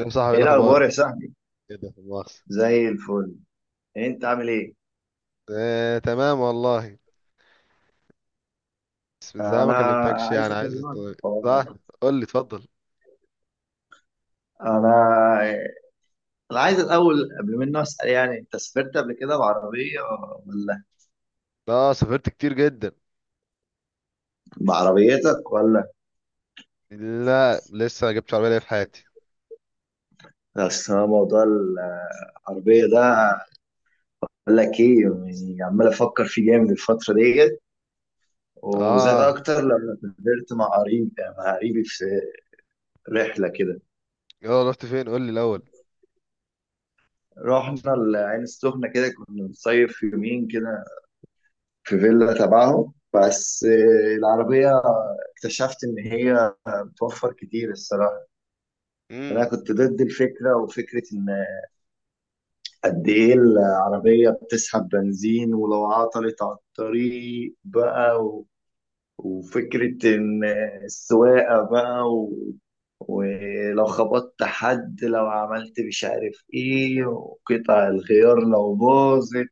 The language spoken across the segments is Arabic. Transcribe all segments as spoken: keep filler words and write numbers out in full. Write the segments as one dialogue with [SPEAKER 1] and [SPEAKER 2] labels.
[SPEAKER 1] يا صاحبي، إيه
[SPEAKER 2] ايه الاخبار
[SPEAKER 1] الاخبار؟
[SPEAKER 2] يا صاحبي.
[SPEAKER 1] كده مؤاخذة.
[SPEAKER 2] زي الفل. انت عامل ايه؟
[SPEAKER 1] آه، تمام والله. بس من زمان ما
[SPEAKER 2] انا
[SPEAKER 1] كلمتكش،
[SPEAKER 2] عايز
[SPEAKER 1] يعني عايز
[SPEAKER 2] اكلمك في
[SPEAKER 1] أت-
[SPEAKER 2] حوار.
[SPEAKER 1] صح، قول لي اتفضل.
[SPEAKER 2] انا انا عايز الاول قبل ما اسال، يعني انت سافرت قبل كده بعربيه ولا
[SPEAKER 1] اه، سافرت كتير جدا.
[SPEAKER 2] بعربيتك ولا؟
[SPEAKER 1] لا لسه ما جبتش عربيه ليا في حياتي.
[SPEAKER 2] اصل أنا موضوع العربيه ده، اقول لك ايه، يعني عمال افكر فيه جامد الفتره ديت، وزاد
[SPEAKER 1] اه،
[SPEAKER 2] اكتر لما سافرت مع قريب، مع قريبي في رحله كده.
[SPEAKER 1] يلا رحت فين؟ قول لي الاول.
[SPEAKER 2] رحنا العين السخنه كده، كنا بنصيف يومين كده في فيلا تبعهم. بس آه، العربية اكتشفت إن هي بتوفر كتير الصراحة. أنا
[SPEAKER 1] امم.
[SPEAKER 2] كنت ضد الفكرة، وفكرة إن قد إيه العربية بتسحب بنزين، ولو عطلت على الطريق بقى و... وفكرة إن السواقة بقى و... ولو خبطت حد، لو عملت مش عارف إيه، وقطع الغيار لو باظت،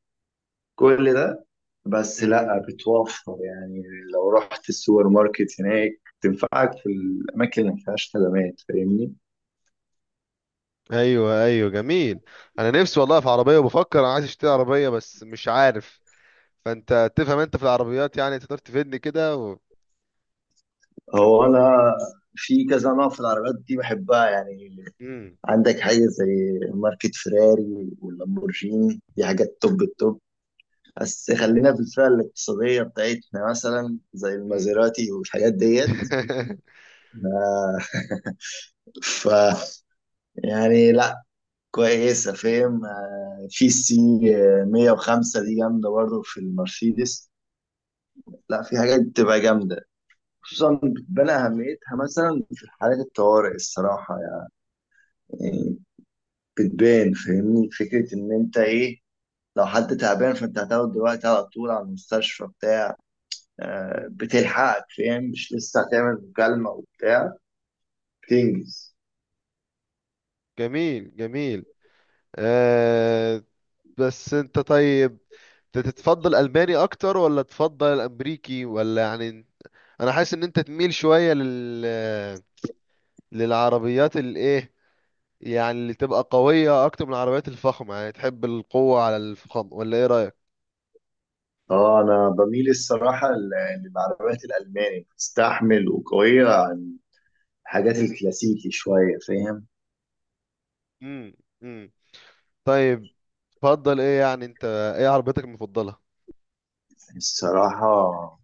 [SPEAKER 2] كل ده. بس لا،
[SPEAKER 1] امم.
[SPEAKER 2] بتوفر يعني. لو رحت السوبر ماركت هناك تنفعك في الاماكن اللي ما فيهاش خدمات، فاهمني.
[SPEAKER 1] ايوه، ايوه، جميل. انا نفسي والله في عربيه، وبفكر انا عايز اشتري عربيه بس مش عارف. فانت تفهم، انت في العربيات يعني تقدر تفيدني كده و...
[SPEAKER 2] هو انا في كذا نوع في العربيات دي بحبها يعني.
[SPEAKER 1] امم.
[SPEAKER 2] عندك حاجه زي ماركه فيراري واللامبورجيني، دي حاجات توب التوب، بس خلينا في الفئه الاقتصاديه بتاعتنا مثلا زي
[SPEAKER 1] أمم.
[SPEAKER 2] المازيراتي والحاجات ديت. آه، ف يعني لا كويسة، فاهم؟ آه، في سي مية وخمسة دي جامدة برضه في المرسيدس. لا، في حاجات بتبقى جامدة، خصوصا بتبان أهميتها مثلا في حالات الطوارئ الصراحة يعني. بتبان، فاهمني؟ فكرة إن أنت إيه، لو حد تعبان فأنت هتاخد دلوقتي على طول على المستشفى بتاع، آه،
[SPEAKER 1] مم.
[SPEAKER 2] بتلحقك، فاهم؟ مش لسه هتعمل مكالمة وبتاع، بتنجز.
[SPEAKER 1] جميل، جميل. آه بس انت طيب، انت تتفضل الماني اكتر ولا تفضل الامريكي، ولا يعني انا حاسس ان انت تميل شوية لل للعربيات الايه، يعني اللي تبقى قوية اكتر من العربيات الفخمة. يعني تحب القوة على الفخامة، ولا ايه رأيك؟
[SPEAKER 2] اه انا بميل الصراحه لل- للعربيات الالماني، بتستحمل وقويه، حاجات الكلاسيكي شوية، فاهم؟
[SPEAKER 1] امم. طيب، تفضل ايه يعني انت؟ ايه عربيتك المفضلة؟
[SPEAKER 2] الصراحة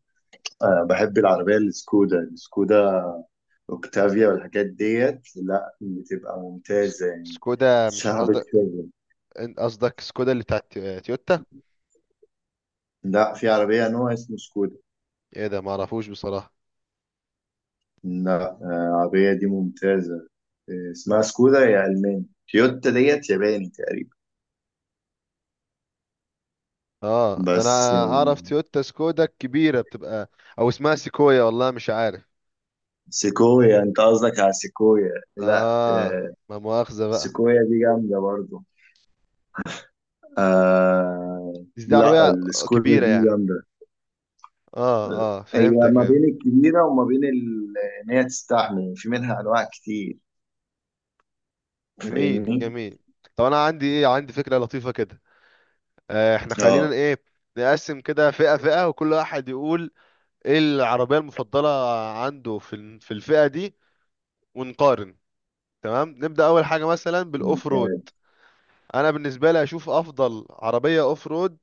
[SPEAKER 2] آه، بحب العربية السكودا السكودا اوكتافيا والحاجات ديت، لا بتبقى
[SPEAKER 1] سك-
[SPEAKER 2] ممتازة يعني.
[SPEAKER 1] سكودا، مش
[SPEAKER 2] صعبة
[SPEAKER 1] قصدك؟
[SPEAKER 2] شغل.
[SPEAKER 1] إن- قصدك سكودا اللي بتاعت تي- تويوتا؟
[SPEAKER 2] لا، في عربية نوع اسمه سكودا.
[SPEAKER 1] ايه ده؟ ما اعرفوش بصراحة.
[SPEAKER 2] لا آه، العربية دي ممتازة، آه، اسمها سكودا، هي ألماني. تويوتا ديت ياباني تقريبا.
[SPEAKER 1] اه انا
[SPEAKER 2] بس آه،
[SPEAKER 1] اعرف تويوتا سكودا الكبيرة بتبقى، او اسمها سيكويا، والله مش عارف.
[SPEAKER 2] سيكويا، انت قصدك على سيكويا؟ لا
[SPEAKER 1] اه،
[SPEAKER 2] آه،
[SPEAKER 1] ما مؤاخذة بقى.
[SPEAKER 2] سيكويا دي جامدة برضو. آه
[SPEAKER 1] بس دي
[SPEAKER 2] لا،
[SPEAKER 1] عربية
[SPEAKER 2] السكودا
[SPEAKER 1] كبيرة
[SPEAKER 2] دي
[SPEAKER 1] يعني.
[SPEAKER 2] جامدة.
[SPEAKER 1] اه، اه،
[SPEAKER 2] هي
[SPEAKER 1] فهمتك
[SPEAKER 2] ما
[SPEAKER 1] فهمت.
[SPEAKER 2] بين الكبيرة وما بين ال- إن هي تستحمل، في منها أنواع كتير،
[SPEAKER 1] جميل،
[SPEAKER 2] فاهمني؟
[SPEAKER 1] جميل. طب انا عندي ايه؟ عندي فكرة لطيفة كده. آه، احنا
[SPEAKER 2] اه،
[SPEAKER 1] خلينا ايه، نقسم كده فئة فئة، وكل واحد يقول ايه العربية المفضلة عنده في ال- في الفئة دي، ونقارن. تمام، نبدأ أول حاجة مثلا بالأوف رود.
[SPEAKER 2] ممتاز.
[SPEAKER 1] أنا بالنسبة لي أشوف أفضل عربية أوف رود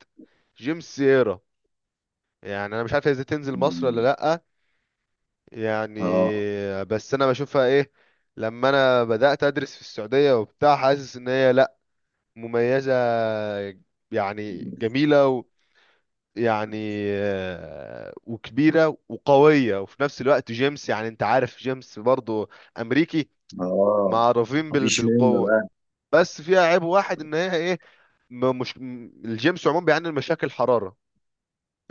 [SPEAKER 1] جيمس سييرا. يعني أنا مش عارف هي إزاي تنزل مصر ولا
[SPEAKER 2] مم.
[SPEAKER 1] لأ، يعني.
[SPEAKER 2] اه
[SPEAKER 1] بس أنا بشوفها إيه، لما أنا بدأت أدرس في السعودية وبتاع، حاسس إن هي لأ، مميزة، يعني جميلة يعني. آه، وكبيرة وقوية، وفي نفس الوقت جيمس، يعني انت عارف جيمس برضو امريكي،
[SPEAKER 2] اه،
[SPEAKER 1] معروفين بال-
[SPEAKER 2] مفيش منه
[SPEAKER 1] بالقوة.
[SPEAKER 2] بقى.
[SPEAKER 1] بس فيها عيب واحد، ان هي ايه، م- مش م- الجيمس عموما بيعاني من مشاكل حرارة.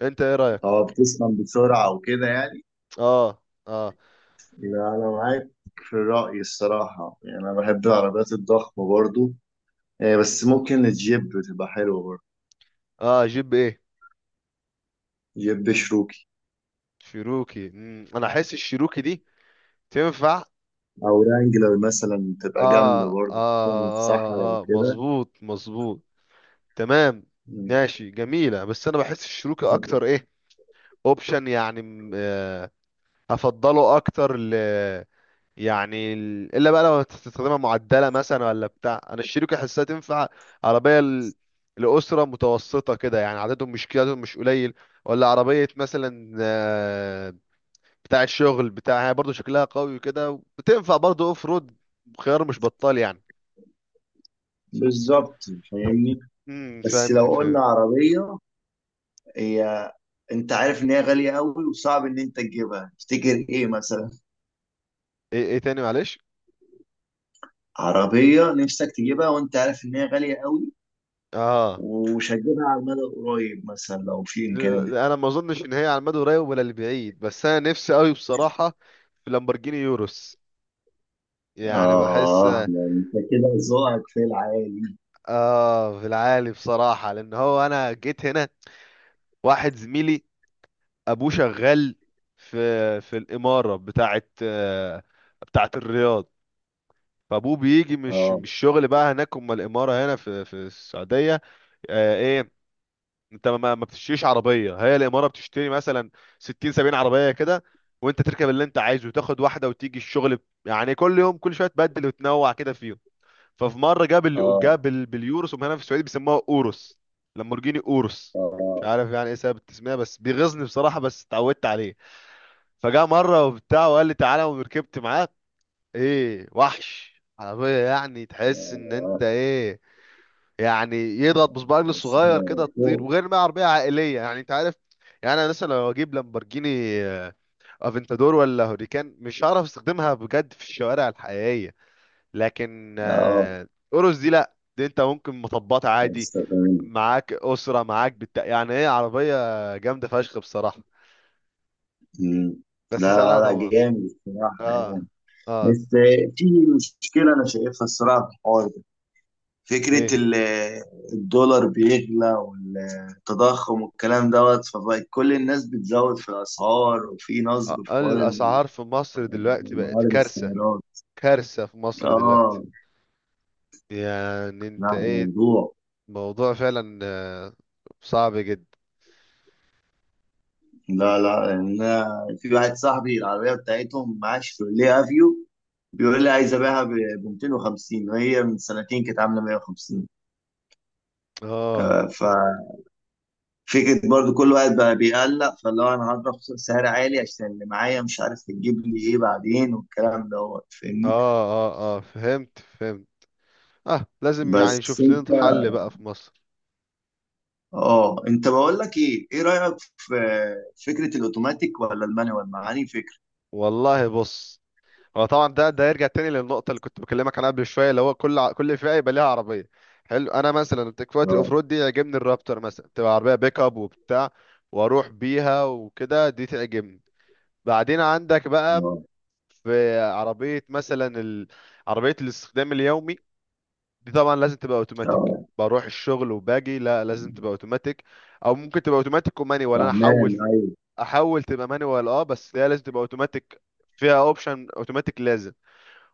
[SPEAKER 1] انت ايه رأيك؟
[SPEAKER 2] اه، بتسخن بسرعة وكده يعني.
[SPEAKER 1] اه، اه.
[SPEAKER 2] لا، أنا معاك في الرأي الصراحة، يعني أنا بحب العربيات الضخمة برضو آه، بس ممكن الجيب تبقى حلوة برضو،
[SPEAKER 1] اه، جيب ايه؟
[SPEAKER 2] جيب شروكي،
[SPEAKER 1] شيروكي. مم، انا احس الشيروكي دي تنفع.
[SPEAKER 2] أو رانجلر مثلا تبقى جامدة
[SPEAKER 1] اه، اه،
[SPEAKER 2] برضو خصوصاً في الصحراء
[SPEAKER 1] اه، اه،
[SPEAKER 2] وكده.
[SPEAKER 1] مظبوط، مظبوط. تمام.
[SPEAKER 2] مم.
[SPEAKER 1] ماشي، جميلة. بس انا بحس الشيروكي
[SPEAKER 2] طب
[SPEAKER 1] اكتر ايه، اوبشن يعني. هفضله اكتر ل، يعني ال- الا بقى. لو هتستخدمها معدله مثلا ولا بتاع، انا الشيروكي احسها تنفع عربيه ل- لاسره متوسطه كده، يعني عددهم مش كده، عددهم مش قليل. ولا عربيه مثلا آه، بتاعه شغل بتاع، هي برضو شكلها قوي كده، بتنفع برضو اوف رود. خيار مش بطال يعني.
[SPEAKER 2] بالظبط، فاهمني.
[SPEAKER 1] امم،
[SPEAKER 2] بس
[SPEAKER 1] فهمتك
[SPEAKER 2] لو
[SPEAKER 1] فهمت.
[SPEAKER 2] قلنا عربية، هي انت عارف ان هي غالية قوي وصعب ان انت تجيبها، تفتكر ايه مثلا؟
[SPEAKER 1] ايه ايه تاني معلش؟
[SPEAKER 2] عربية نفسك تجيبها وانت عارف ان هي غالية قوي
[SPEAKER 1] اه،
[SPEAKER 2] ومش هتجيبها على المدى القريب، مثلا لو في امكانية.
[SPEAKER 1] ل- انا ما اظنش ان هي على المدى القريب ولا البعيد، بس انا نفسي قوي بصراحه في لامبورجيني يوروس. يعني بحس.
[SPEAKER 2] اه، يعني انت كده ذوقك في العالي.
[SPEAKER 1] اه، في العالي بصراحة. لان هو انا جيت هنا، واحد زميلي ابوه شغال في، في الإمارة بتاعت آه، بتاعت الرياض. فابوه بيجي، مش
[SPEAKER 2] اه
[SPEAKER 1] مش شغل بقى هناك، اما الإمارة هنا في في السعودية. آه، ايه، انت ما ما بتشتريش عربية، هي الإمارة بتشتري مثلا ستين سبعين عربية كده، وانت تركب اللي انت عايزه وتاخد واحدة وتيجي الشغل. يعني كل يوم، كل شوية تبدل وتنوع كده فيهم. ففي مره جاب ال...
[SPEAKER 2] اه
[SPEAKER 1] جاب ال... باليوروس، هم هنا في السعوديه بيسموها اوروس، لامبورجيني اوروس. مش
[SPEAKER 2] اه
[SPEAKER 1] عارف يعني ايه سبب التسميه، بس بيغيظني بصراحه، بس اتعودت عليه. فجاء مره وبتاع وقال لي تعالى، وركبت معاه. ايه وحش عربيه! يعني تحس ان
[SPEAKER 2] اه.
[SPEAKER 1] انت ايه، يعني يضغط بصبع رجله
[SPEAKER 2] بس
[SPEAKER 1] الصغير
[SPEAKER 2] هي
[SPEAKER 1] كده تطير.
[SPEAKER 2] فوق.
[SPEAKER 1] وغير ما هي عربيه عائليه، يعني انت عارف. يعني انا مثلا لو اجيب لامبورجيني آه، افنتادور ولا هوريكان، مش هعرف استخدمها بجد في الشوارع الحقيقيه. لكن
[SPEAKER 2] اه،
[SPEAKER 1] آه، أورس دي لا، دي انت ممكن مطبات عادي.
[SPEAKER 2] هتستخدم.
[SPEAKER 1] معاك أسرة، معاك بت... يعني ايه عربية جامدة فشخ بصراحة.
[SPEAKER 2] مم.
[SPEAKER 1] بس سعرها
[SPEAKER 2] لا لا،
[SPEAKER 1] طبعا.
[SPEAKER 2] جامد الصراحة
[SPEAKER 1] اه،
[SPEAKER 2] يعني.
[SPEAKER 1] اه.
[SPEAKER 2] بس في مشكلة أنا شايفها الصراحة في الحوار،
[SPEAKER 1] ايه،
[SPEAKER 2] فكرة ال- الدولار بيغلى والتضخم والكلام دوت، فبقت كل الناس بتزود في الأسعار، وفي نصب
[SPEAKER 1] آه،
[SPEAKER 2] في حوار ال-
[SPEAKER 1] الأسعار في مصر دلوقتي بقت
[SPEAKER 2] معارض
[SPEAKER 1] كارثة،
[SPEAKER 2] السيارات.
[SPEAKER 1] كارثة في مصر دلوقتي.
[SPEAKER 2] اه،
[SPEAKER 1] يعني انت
[SPEAKER 2] لا
[SPEAKER 1] ايه؟
[SPEAKER 2] موضوع.
[SPEAKER 1] موضوع فعلا آه، صعب جدا.
[SPEAKER 2] لا لا، يعني أنا في واحد صاحبي العربية بتاعتهم معاه شيفروليه افيو، بيقول لي عايز
[SPEAKER 1] مم.
[SPEAKER 2] ابيعها ب مية وخمسين، وهي من سنتين كانت عاملة مية وخمسين.
[SPEAKER 1] اه،
[SPEAKER 2] آه، ف فكرة برضو كل واحد بقى بيقلق، فاللي هو انا هضرب سعر عالي عشان اللي معايا، مش عارف تجيب لي ايه بعدين والكلام دوت، فاهمني.
[SPEAKER 1] اه، اه، اه، فهمت، فهمت. اه، لازم يعني
[SPEAKER 2] بس
[SPEAKER 1] نشوف
[SPEAKER 2] انت،
[SPEAKER 1] لنا حل بقى في مصر.
[SPEAKER 2] اه انت، بقول لك ايه، ايه رأيك في فكرة الاوتوماتيك ولا المانيوال، معاني فكرة؟
[SPEAKER 1] والله بص، هو طبعا ده ده يرجع تاني للنقطة اللي كنت بكلمك عنها قبل شوية، اللي هو كل ع- كل فئة يبقى ليها عربية. حلو، أنا مثلا في وقت الأوف
[SPEAKER 2] اه
[SPEAKER 1] رود دي يعجبني الرابتر مثلا، تبقى عربية بيك أب وبتاع، وأروح بيها وكده، دي تعجبني. بعدين عندك بقى
[SPEAKER 2] اه
[SPEAKER 1] في عربية مثلا ال- عربية الاستخدام اليومي. دي طبعا لازم تبقى أوتوماتيك،
[SPEAKER 2] اه،
[SPEAKER 1] بروح الشغل وباجي، لا لازم تبقى أوتوماتيك. أو ممكن تبقى أوتوماتيك ومانيوال، أنا
[SPEAKER 2] فهمان،
[SPEAKER 1] أحول،
[SPEAKER 2] ايوه.
[SPEAKER 1] أحول تبقى مانيوال. أه، بس هي لازم تبقى أوتوماتيك، فيها أوبشن أوتوماتيك لازم.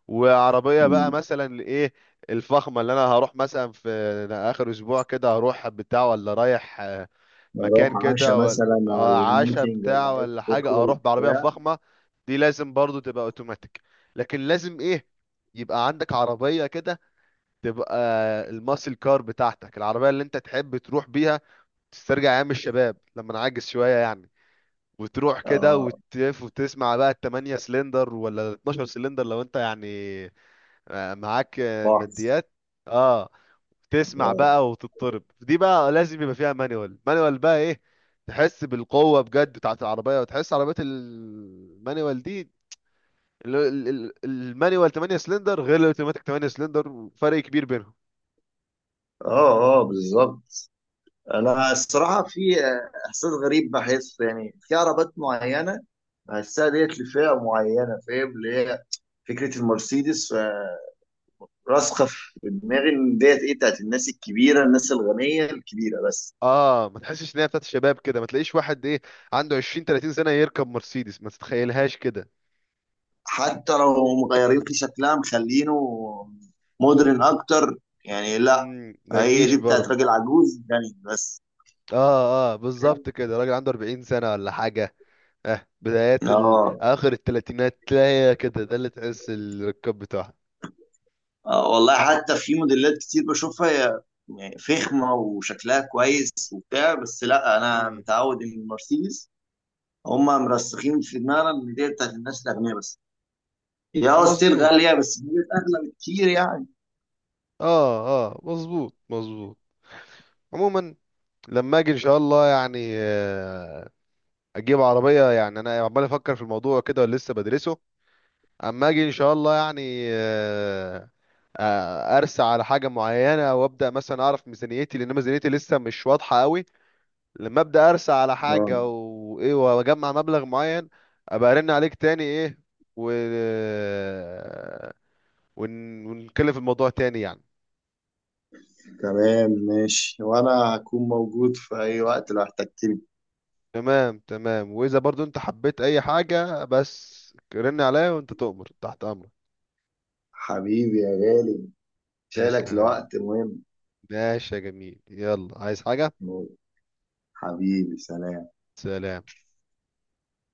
[SPEAKER 1] وعربيه بقى
[SPEAKER 2] مم.
[SPEAKER 1] مثلا لايه، الفخمه، اللي انا هروح مثلا في اخر اسبوع كده هروح بتاع، ولا رايح آه، مكان
[SPEAKER 2] بروح عشاء
[SPEAKER 1] كده، ولا
[SPEAKER 2] مثلا على
[SPEAKER 1] آه، عشا
[SPEAKER 2] ميتنج
[SPEAKER 1] بتاع
[SPEAKER 2] ولا حاجة
[SPEAKER 1] ولا حاجه،
[SPEAKER 2] تدخل
[SPEAKER 1] اروح بعربيه
[SPEAKER 2] بتاع.
[SPEAKER 1] فخمه. دي لازم برضو تبقى اوتوماتيك. لكن لازم ايه، يبقى عندك عربيه كده تبقى الماسل كار بتاعتك، العربيه اللي انت تحب تروح بيها تسترجع ايام الشباب لما نعجز شويه يعني. وتروح كده
[SPEAKER 2] اه،
[SPEAKER 1] وتلف وتسمع بقى التمانية سلندر ولا اثنا عشر سلندر، لو انت يعني آه، معاك آه،
[SPEAKER 2] بحث.
[SPEAKER 1] ماديات. اه، تسمع بقى وتضطرب. دي بقى لازم يبقى فيها مانيوال. مانيوال بقى ايه، تحس بالقوة بجد بتاعت العربية، وتحس عربية المانيوال دي. ال- ال- ال- المانيوال تمانية سلندر غير الاوتوماتيك تمانية سلندر، فرق كبير بينهم.
[SPEAKER 2] اه اه بالظبط. انا الصراحه في احساس غريب بحسه يعني، في عربات معينه بحسها ديت لفئه معينه، فاهم؟ اللي هي فكره المرسيدس آه، راسخه في دماغي ان ديت ايه، بتاعت الناس الكبيره، الناس الغنيه الكبيره بس.
[SPEAKER 1] اه، ما تحسش ان هي بتاعت الشباب كده، ما تلاقيش واحد ايه، عنده عشرين تلاتين سنة يركب مرسيدس، ما تتخيلهاش كده.
[SPEAKER 2] حتى لو مغيرين في شكلها، مخلينه مودرن اكتر، يعني لا،
[SPEAKER 1] مم، ما
[SPEAKER 2] هي
[SPEAKER 1] تجيش
[SPEAKER 2] دي بتاعت
[SPEAKER 1] برضه.
[SPEAKER 2] راجل عجوز غني بس.
[SPEAKER 1] اه، اه، بالظبط كده. راجل عنده اربعين سنة ولا حاجة. اه، بدايات ال...
[SPEAKER 2] اه،
[SPEAKER 1] اخر الثلاثينات تلاقي كده، ده اللي تحس الركاب بتاعها.
[SPEAKER 2] آه والله حتى في موديلات كتير بشوفها هي يعني فخمة وشكلها كويس وبتاع، بس لا أنا
[SPEAKER 1] مم.
[SPEAKER 2] متعود إن المرسيدس هما مرسخين في دماغنا إن دي بتاعت الناس الأغنياء بس. هي اه ستيل
[SPEAKER 1] مظبوط.
[SPEAKER 2] غالية، بس دي أغلى بكتير يعني.
[SPEAKER 1] اه، اه، مظبوط، مظبوط. عموما، لما اجي ان شاء الله يعني آه، اجيب عربيه، يعني انا عمال افكر في الموضوع كده، ولسه بدرسه. اما اجي ان شاء الله يعني، آه، آه، ارسى على حاجه معينه، وابدا مثلا اعرف ميزانيتي، لان ميزانيتي لسه مش واضحه قوي. لما ابدا ارسى على
[SPEAKER 2] اه
[SPEAKER 1] حاجه وايه، واجمع مبلغ معين، ابقى ارن عليك تاني، ايه، و ون... ونتكلم في الموضوع تاني يعني.
[SPEAKER 2] تمام ماشي. وانا هكون موجود في اي وقت لو احتجتني.
[SPEAKER 1] تمام، تمام، واذا برضو انت حبيت اي حاجه بس رن عليا، وانت تؤمر، تحت امرك.
[SPEAKER 2] حبيبي يا غالي،
[SPEAKER 1] تسلم
[SPEAKER 2] شايلك
[SPEAKER 1] يا حبيبي.
[SPEAKER 2] لوقت مهم.
[SPEAKER 1] ماشي يا جميل، يلا عايز حاجه؟
[SPEAKER 2] حبيبي، سلام.
[SPEAKER 1] سلام.